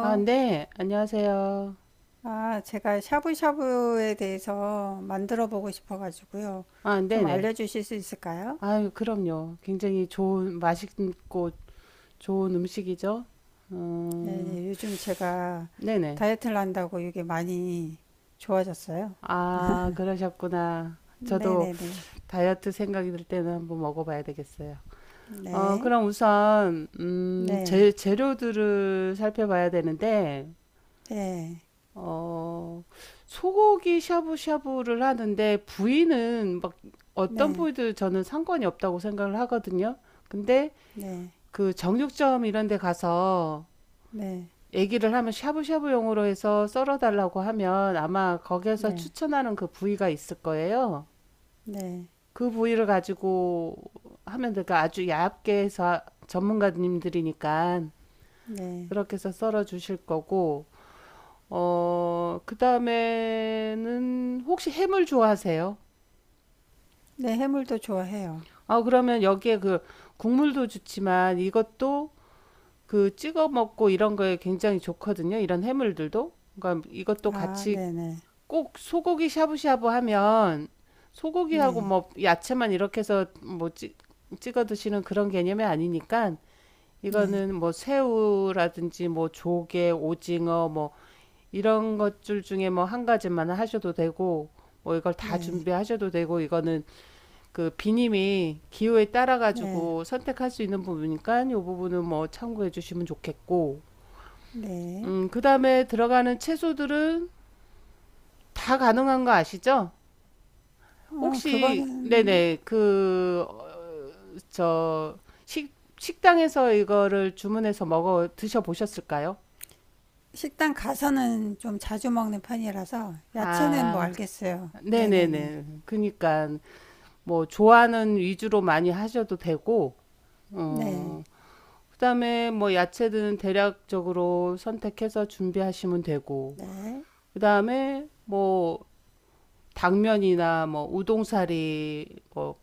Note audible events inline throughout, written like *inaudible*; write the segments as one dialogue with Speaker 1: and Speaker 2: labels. Speaker 1: 아, 네, 안녕하세요.
Speaker 2: 아, 제가 샤브샤브에 대해서 만들어 보고 싶어가지고요.
Speaker 1: 아,
Speaker 2: 좀
Speaker 1: 네네.
Speaker 2: 알려주실 수 있을까요?
Speaker 1: 아유, 그럼요. 굉장히 좋은, 맛있고 좋은 음식이죠.
Speaker 2: 예,
Speaker 1: 음,
Speaker 2: 예, 요즘 제가
Speaker 1: 네네.
Speaker 2: 다이어트를 한다고 이게 많이 좋아졌어요.
Speaker 1: 아, 그러셨구나. 저도
Speaker 2: 네네네.
Speaker 1: 다이어트 생각이 들 때는 한번 먹어봐야 되겠어요. 어,
Speaker 2: 네.
Speaker 1: 그럼 우선, 음,
Speaker 2: 네.
Speaker 1: 재, 재료들을 살펴봐야 되는데,
Speaker 2: 네. 네.
Speaker 1: 어, 소고기 샤브샤브를 하는데, 부위는 막 어떤
Speaker 2: 네.
Speaker 1: 부위도 저는 상관이 없다고 생각을 하거든요. 근데,
Speaker 2: 네.
Speaker 1: 그 정육점 이런 데 가서 얘기를 하면 샤브샤브용으로 해서 썰어달라고 하면 아마 거기에서
Speaker 2: 네.
Speaker 1: 추천하는 그 부위가 있을 거예요.
Speaker 2: 네.
Speaker 1: 그 부위를 가지고 하면 될까? 아주 얇게 해서 아, 전문가님들이니까
Speaker 2: 네.
Speaker 1: 그렇게 해서 썰어 주실 거고, 그 다음에는 혹시 해물 좋아하세요?
Speaker 2: 네. 해물도 좋아해요.
Speaker 1: 아, 그러면 여기에 그 국물도 좋지만 이것도 그 찍어 먹고 이런 거에 굉장히 좋거든요. 이런 해물들도. 그러니까 이것도
Speaker 2: 아,
Speaker 1: 같이
Speaker 2: 네네.
Speaker 1: 꼭 소고기 샤브샤브 하면 소고기하고
Speaker 2: 네.
Speaker 1: 뭐 야채만 이렇게 해서 찍어 드시는 그런 개념이 아니니까
Speaker 2: 네.
Speaker 1: 이거는 뭐 새우라든지 뭐 조개, 오징어 뭐 이런 것들 중에 뭐 한 가지만 하셔도 되고 뭐 이걸
Speaker 2: 네.
Speaker 1: 다
Speaker 2: 네.
Speaker 1: 준비하셔도 되고 이거는 그 비님이 기호에 따라
Speaker 2: 네.
Speaker 1: 가지고 선택할 수 있는 부분이니까 이 부분은 뭐 참고해 주시면 좋겠고
Speaker 2: 네.
Speaker 1: 그다음에 들어가는 채소들은 다 가능한 거 아시죠?
Speaker 2: 어,
Speaker 1: 혹시
Speaker 2: 그거는
Speaker 1: 네네 그 어, 저 식 식당에서 이거를 주문해서 먹어 드셔 보셨을까요?
Speaker 2: 식당 가서는 좀 자주 먹는 편이라서 야채는 뭐
Speaker 1: 아,
Speaker 2: 알겠어요. 네네네.
Speaker 1: 네네네. 그니까 뭐 좋아하는 위주로 많이 하셔도 되고,
Speaker 2: 네.
Speaker 1: 어, 그다음에 뭐 야채들은 대략적으로 선택해서 준비하시면 되고,
Speaker 2: 네.
Speaker 1: 그다음에 뭐 당면이나 뭐 우동사리, 뭐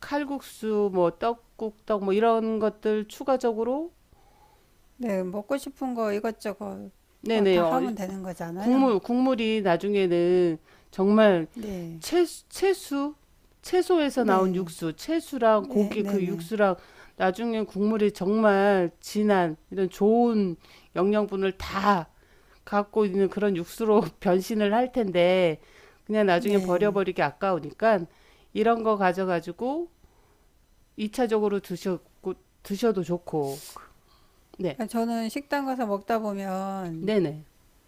Speaker 1: 칼국수, 뭐 떡국떡 뭐 이런 것들 추가적으로
Speaker 2: 네. 먹고 싶은 거 이것저것 뭐
Speaker 1: 네네
Speaker 2: 다 하면 되는 거잖아요.
Speaker 1: 국물이 나중에는 정말
Speaker 2: 네.
Speaker 1: 채수 채소에서 나온
Speaker 2: 네.
Speaker 1: 육수 채수랑
Speaker 2: 네.
Speaker 1: 고기 그
Speaker 2: 네네.
Speaker 1: 육수랑 나중에 국물이 정말 진한 이런 좋은 영양분을 다 갖고 있는 그런 육수로 *laughs* 변신을 할 텐데 그냥 나중에
Speaker 2: 네.
Speaker 1: 버려버리기 아까우니까 이런 거 가져가지고 이차적으로 드셔도 좋고 네.
Speaker 2: 아, 저는 식당 가서 먹다 보면
Speaker 1: 네네.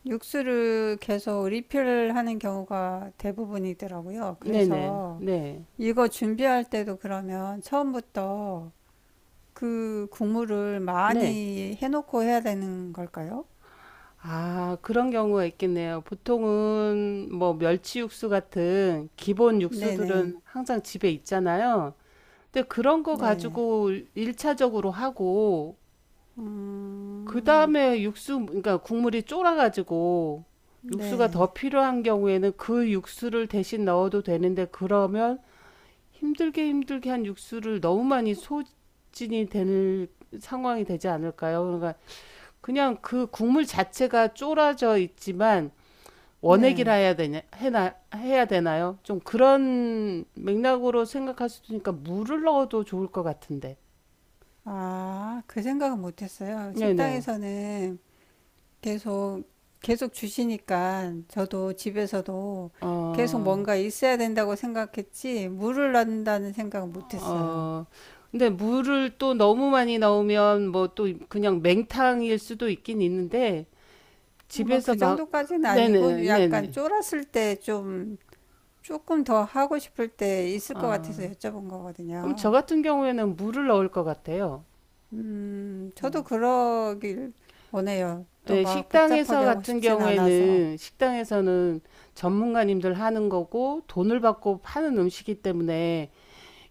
Speaker 2: 육수를 계속 리필하는 경우가 대부분이더라고요.
Speaker 1: 네네.
Speaker 2: 그래서
Speaker 1: 네.
Speaker 2: 이거 준비할 때도 그러면 처음부터 그 국물을
Speaker 1: 네.
Speaker 2: 많이 해놓고 해야 되는 걸까요?
Speaker 1: 아 그런 경우가 있겠네요. 보통은 뭐 멸치 육수 같은 기본
Speaker 2: 네네.
Speaker 1: 육수들은 항상 집에 있잖아요. 근데 그런 거
Speaker 2: 네. 네.
Speaker 1: 가지고 일차적으로 하고
Speaker 2: 음,
Speaker 1: 그다음에 육수 그러니까 국물이 쫄아 가지고 육수가
Speaker 2: 네.
Speaker 1: 더 필요한 경우에는 그 육수를 대신 넣어도 되는데 그러면 힘들게 힘들게 한 육수를 너무 많이 소진이 될 상황이 되지 않을까요? 그러니까 그냥 그 국물 자체가 쫄아져 있지만 원액이라
Speaker 2: 네.
Speaker 1: 해야 되냐 해나 해야 되나요? 좀 그런 맥락으로 생각할 수도 있으니까 물을 넣어도 좋을 것 같은데.
Speaker 2: 아, 그 생각은 못 했어요.
Speaker 1: 네네.
Speaker 2: 식당에서는 계속, 계속 주시니까 저도 집에서도 계속
Speaker 1: 어,
Speaker 2: 뭔가 있어야 된다고 생각했지, 물을 넣는다는 생각은 못 했어요.
Speaker 1: 어. 근데 물을 또 너무 많이 넣으면 뭐 또 그냥 맹탕일 수도 있긴 있는데
Speaker 2: 뭐
Speaker 1: 집에서
Speaker 2: 그
Speaker 1: 막
Speaker 2: 정도까지는 아니고
Speaker 1: 네네
Speaker 2: 약간
Speaker 1: 네네.
Speaker 2: 쫄았을 때 좀, 조금 더 하고 싶을 때 있을 것 같아서
Speaker 1: 아,
Speaker 2: 여쭤본
Speaker 1: 그럼 저
Speaker 2: 거거든요.
Speaker 1: 같은 경우에는 물을 넣을 것 같아요.
Speaker 2: 저도
Speaker 1: 어.
Speaker 2: 그러길 원해요. 또
Speaker 1: 네
Speaker 2: 막
Speaker 1: 식당에서
Speaker 2: 복잡하게 하고
Speaker 1: 같은
Speaker 2: 싶진 않아서.
Speaker 1: 경우에는 식당에서는 전문가님들 하는 거고 돈을 받고 파는 음식이기 때문에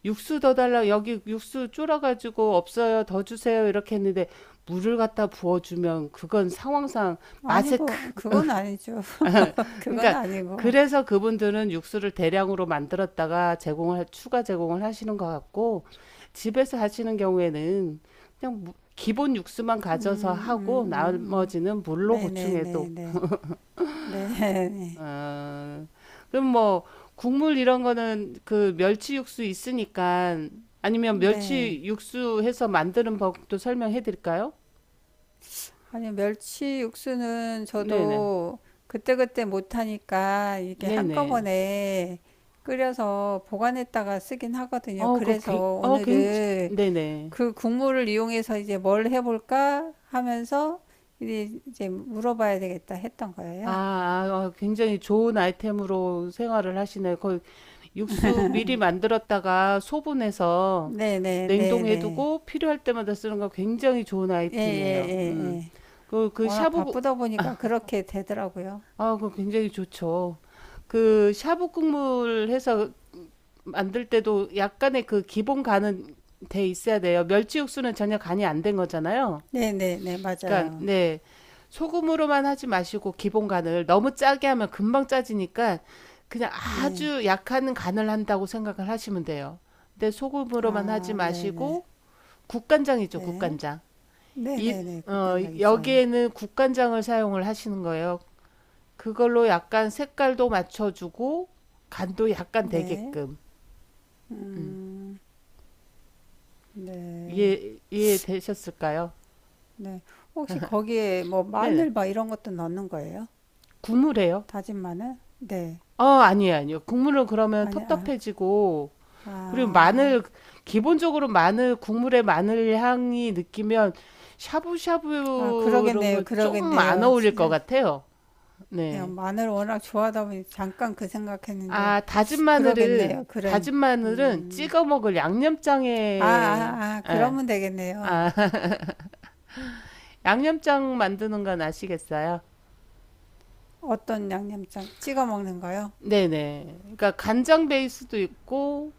Speaker 1: 육수 더 달라 여기 육수 줄어가지고 없어요 더 주세요 이렇게 했는데 물을 갖다 부어주면 그건 상황상
Speaker 2: 아니,
Speaker 1: 맛에 크
Speaker 2: 뭐, 그건 아니죠. *laughs*
Speaker 1: *laughs*
Speaker 2: 그건
Speaker 1: 그러니까
Speaker 2: 아니고.
Speaker 1: 그래서 그분들은 육수를 대량으로 만들었다가 추가 제공을 하시는 것 같고 집에서 하시는 경우에는 그냥 기본 육수만
Speaker 2: 음,
Speaker 1: 가져서
Speaker 2: 음,
Speaker 1: 하고
Speaker 2: 음, 음.
Speaker 1: 나머지는 물로
Speaker 2: 네네네네.
Speaker 1: 보충해도
Speaker 2: 네. *laughs* 네. 네, 네.
Speaker 1: 아, 그럼 뭐 국물 이런 거는 그 멸치 육수 있으니까 아니면
Speaker 2: 네.
Speaker 1: 멸치 육수 해서 만드는 법도 설명해 드릴까요?
Speaker 2: 아니, 멸치 육수는
Speaker 1: 네네.
Speaker 2: 저도 그때그때 못하니까 이게
Speaker 1: 네네.
Speaker 2: 한꺼번에 끓여서 보관했다가 쓰긴 하거든요.
Speaker 1: 어, 그,
Speaker 2: 그래서
Speaker 1: 굉- 어, 굉,
Speaker 2: 오늘은
Speaker 1: 네네.
Speaker 2: 그 국물을 이용해서 이제 뭘 해볼까 하면서 이제 물어봐야 되겠다 했던
Speaker 1: 아,
Speaker 2: 거예요.
Speaker 1: 아, 어, 굉장히 좋은 아이템으로 생활을 하시네요. 그 육수 미리 만들었다가 소분해서
Speaker 2: 네네, 네네.
Speaker 1: 냉동해두고 필요할 때마다 쓰는 거 굉장히 좋은
Speaker 2: 예, 예,
Speaker 1: 아이템이에요.
Speaker 2: 예,
Speaker 1: 음.
Speaker 2: 예.
Speaker 1: 그, 그
Speaker 2: 워낙
Speaker 1: 샤브,
Speaker 2: 바쁘다 보니까 그렇게 되더라고요.
Speaker 1: 그 굉장히 좋죠. 그 샤브 국물 해서 만들 때도 약간의 그 기본 간은 돼 있어야 돼요. 멸치 육수는 전혀 간이 안 된 거잖아요.
Speaker 2: 네네네,
Speaker 1: 그러니까
Speaker 2: 맞아요.
Speaker 1: 네. 소금으로만 하지 마시고 기본 간을 너무 짜게 하면 금방 짜지니까 그냥
Speaker 2: 네.
Speaker 1: 아주 약한 간을 한다고 생각을 하시면 돼요. 근데 소금으로만 하지
Speaker 2: 아, 네네,
Speaker 1: 마시고 국간장이죠,
Speaker 2: 네.
Speaker 1: 국간장. 이,
Speaker 2: 네네네, 국간장 있어요.
Speaker 1: 여기에는 국간장을 사용을 하시는 거예요. 그걸로 약간 색깔도 맞춰주고 간도 약간
Speaker 2: 네.
Speaker 1: 되게끔 음.
Speaker 2: 음, 네.
Speaker 1: 이해되셨을까요?
Speaker 2: 네. 혹시 거기에 뭐
Speaker 1: 네네
Speaker 2: 마늘 막 이런 것도 넣는 거예요?
Speaker 1: 국물이에요.
Speaker 2: 다진 마늘? 네.
Speaker 1: 어 아니에요 아니요 국물은 그러면
Speaker 2: 아니, 아,
Speaker 1: 텁텁해지고 그리고
Speaker 2: 아.
Speaker 1: 마늘 기본적으로 마늘 국물에 마늘 향이 느끼면
Speaker 2: 아,
Speaker 1: 샤브샤브 이런
Speaker 2: 그러겠네요.
Speaker 1: 건좀 안
Speaker 2: 그러겠네요.
Speaker 1: 어울릴 것
Speaker 2: 진짜
Speaker 1: 같아요.
Speaker 2: 그냥
Speaker 1: 네.
Speaker 2: 마늘 워낙 좋아하다 보니 잠깐 그 생각했는데
Speaker 1: 아 다진 마늘은
Speaker 2: 그러겠네요. 그런
Speaker 1: 다진 마늘은
Speaker 2: 음.
Speaker 1: 찍어 먹을
Speaker 2: 아,
Speaker 1: 양념장에
Speaker 2: 아, 아,
Speaker 1: 예.
Speaker 2: 그러면 되겠네요.
Speaker 1: 아 양념장 만드는 건 아시겠어요?
Speaker 2: 어떤 양념장 찍어 먹는가요?
Speaker 1: 네네. 그러니까 간장 베이스도 있고,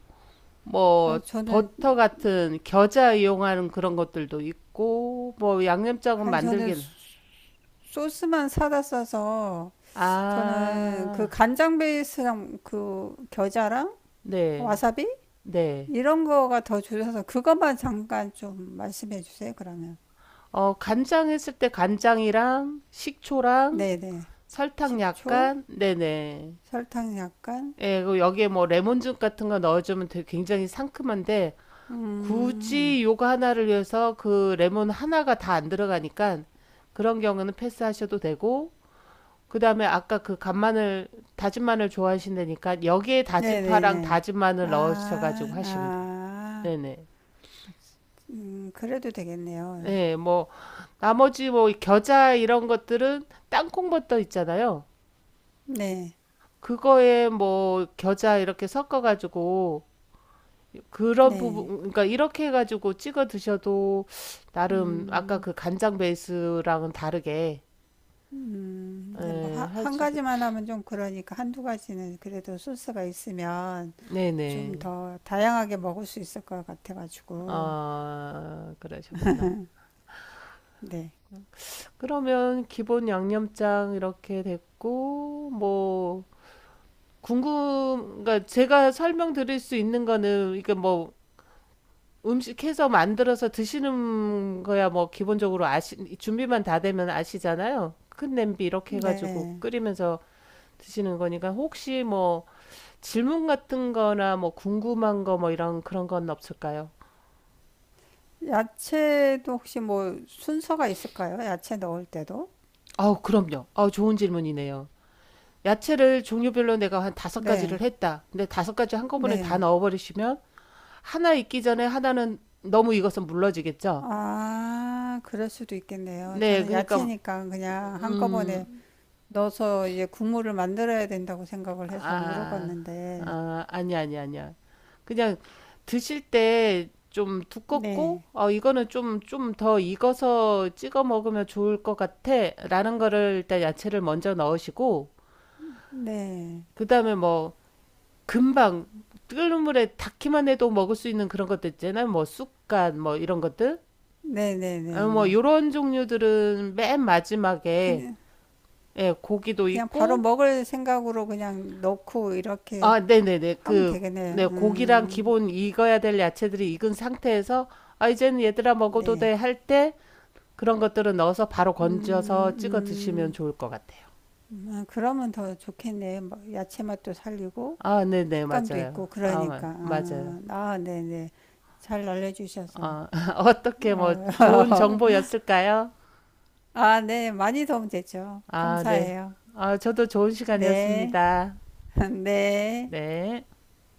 Speaker 2: 아,
Speaker 1: 뭐,
Speaker 2: 저는
Speaker 1: 버터 같은 겨자 이용하는 그런 것들도 있고, 뭐, 양념장은
Speaker 2: 아니 저는
Speaker 1: 만들긴,
Speaker 2: 소스만 사다 써서 저는 그
Speaker 1: 아,
Speaker 2: 간장 베이스랑 그 겨자랑
Speaker 1: 네,
Speaker 2: 와사비
Speaker 1: 네.
Speaker 2: 이런 거가 더 줄여서 그것만 잠깐 좀 말씀해 주세요. 그러면.
Speaker 1: 간장 했을 때 간장이랑 식초랑
Speaker 2: 네, 네.
Speaker 1: 설탕
Speaker 2: 식초,
Speaker 1: 약간, 네네.
Speaker 2: 설탕 약간.
Speaker 1: 예, 그리고 여기에 뭐 레몬즙 같은 거 넣어주면 되게 굉장히 상큼한데,
Speaker 2: 음,
Speaker 1: 굳이 요거 하나를 위해서 그 레몬 하나가 다 안 들어가니까 그런 경우는 패스하셔도 되고 그다음에 아까 그 간마늘 다진 마늘 좋아하신다니까 여기에 다진 파랑
Speaker 2: 네네네.
Speaker 1: 다진
Speaker 2: 아,
Speaker 1: 마늘 넣으셔 가지고 하시면 돼요.
Speaker 2: 아,
Speaker 1: 네네.
Speaker 2: 그래도 되겠네요.
Speaker 1: 네, 뭐 나머지 뭐 겨자 이런 것들은 땅콩버터 있잖아요.
Speaker 2: 네,
Speaker 1: 그거에 뭐 겨자 이렇게 섞어 가지고 그런 부분
Speaker 2: 네.
Speaker 1: 그러니까 이렇게 해 가지고 찍어 드셔도 나름 아까
Speaker 2: 음,
Speaker 1: 그 간장 베이스랑은 다르게
Speaker 2: 이제 뭐,
Speaker 1: 예,
Speaker 2: 하,
Speaker 1: 할
Speaker 2: 한
Speaker 1: 수도,
Speaker 2: 가지만 하면 좀 그러니까 한두 가지는 그래도 소스가 있으면 좀
Speaker 1: 네네.
Speaker 2: 더 다양하게 먹을 수 있을 것 같아가지고.
Speaker 1: 아, 그러셨구나.
Speaker 2: 네,
Speaker 1: 그러면 기본 양념장 이렇게 됐고, 뭐, 그러니까 제가 설명드릴 수 있는 거는, 이게 뭐, 음식해서 만들어서 드시는 거야, 뭐, 기본적으로 준비만 다 되면 아시잖아요. 큰 냄비 이렇게 해가지고
Speaker 2: 네.
Speaker 1: 끓이면서 드시는 거니까, 혹시 뭐, 질문 같은 거나 뭐, 궁금한 거 뭐, 이런 그런 건 없을까요?
Speaker 2: 야채도 혹시 뭐 순서가 있을까요? 야채 넣을 때도?
Speaker 1: 아우, 그럼요. 아우, 좋은 질문이네요. 야채를 종류별로 내가 한 다섯 가지를
Speaker 2: 네,
Speaker 1: 했다. 근데 다섯 가지 한꺼번에 다
Speaker 2: 네.
Speaker 1: 넣어버리시면 하나 익기 전에 하나는 너무 익어서 물러지겠죠?
Speaker 2: 아, 그럴 수도 있겠네요.
Speaker 1: 네,
Speaker 2: 저는
Speaker 1: 그러니까
Speaker 2: 야채니까 그냥 한꺼번에
Speaker 1: 음,
Speaker 2: 넣어서 이제 국물을 만들어야 된다고 생각을 해서
Speaker 1: 아,
Speaker 2: 물어봤는데.
Speaker 1: 아, 아니야, 아니야, 아니야. 그냥 드실 때 좀 두껍고,
Speaker 2: 네,
Speaker 1: 이거는 좀 더 익어서 찍어 먹으면 좋을 것 같아. 라는 거를 일단 야채를 먼저 넣으시고,
Speaker 2: 네,
Speaker 1: 그 다음에 뭐, 금방 끓는 물에 닿기만 해도 먹을 수 있는 그런 것들 있잖아요. 뭐 쑥갓 뭐 이런 것들.
Speaker 2: 네, 네,
Speaker 1: 아,
Speaker 2: 네,
Speaker 1: 뭐
Speaker 2: 네.
Speaker 1: 요런 종류들은 맨 마지막에
Speaker 2: 그냥,
Speaker 1: 예, 고기도
Speaker 2: 그냥 바로
Speaker 1: 있고
Speaker 2: 먹을 생각으로 그냥 넣고 이렇게
Speaker 1: 아, 네네네.
Speaker 2: 하면
Speaker 1: 그 네,
Speaker 2: 되겠네.
Speaker 1: 고기랑 기본 익어야 될 야채들이 익은 상태에서 아, 이제는 얘들아 먹어도 돼
Speaker 2: 네.
Speaker 1: 할 때 그런 것들은 넣어서 바로 건져서 찍어 드시면
Speaker 2: 음,
Speaker 1: 좋을 것 같아요.
Speaker 2: 아, 그러면 더 좋겠네. 뭐 야채 맛도 살리고,
Speaker 1: 아, 네네,
Speaker 2: 식감도
Speaker 1: 맞아요.
Speaker 2: 있고,
Speaker 1: 아,
Speaker 2: 그러니까.
Speaker 1: 맞아요.
Speaker 2: 아, 아, 네, 네. 잘 알려주셔서.
Speaker 1: 아, *laughs* 어떻게 뭐 좋은
Speaker 2: 어,
Speaker 1: 정보였을까요?
Speaker 2: *laughs* 아, 네, 많이 도움되죠.
Speaker 1: 아, 네.
Speaker 2: 감사해요.
Speaker 1: 아, 저도 좋은
Speaker 2: 네,
Speaker 1: 시간이었습니다.
Speaker 2: *laughs* 네.
Speaker 1: 네.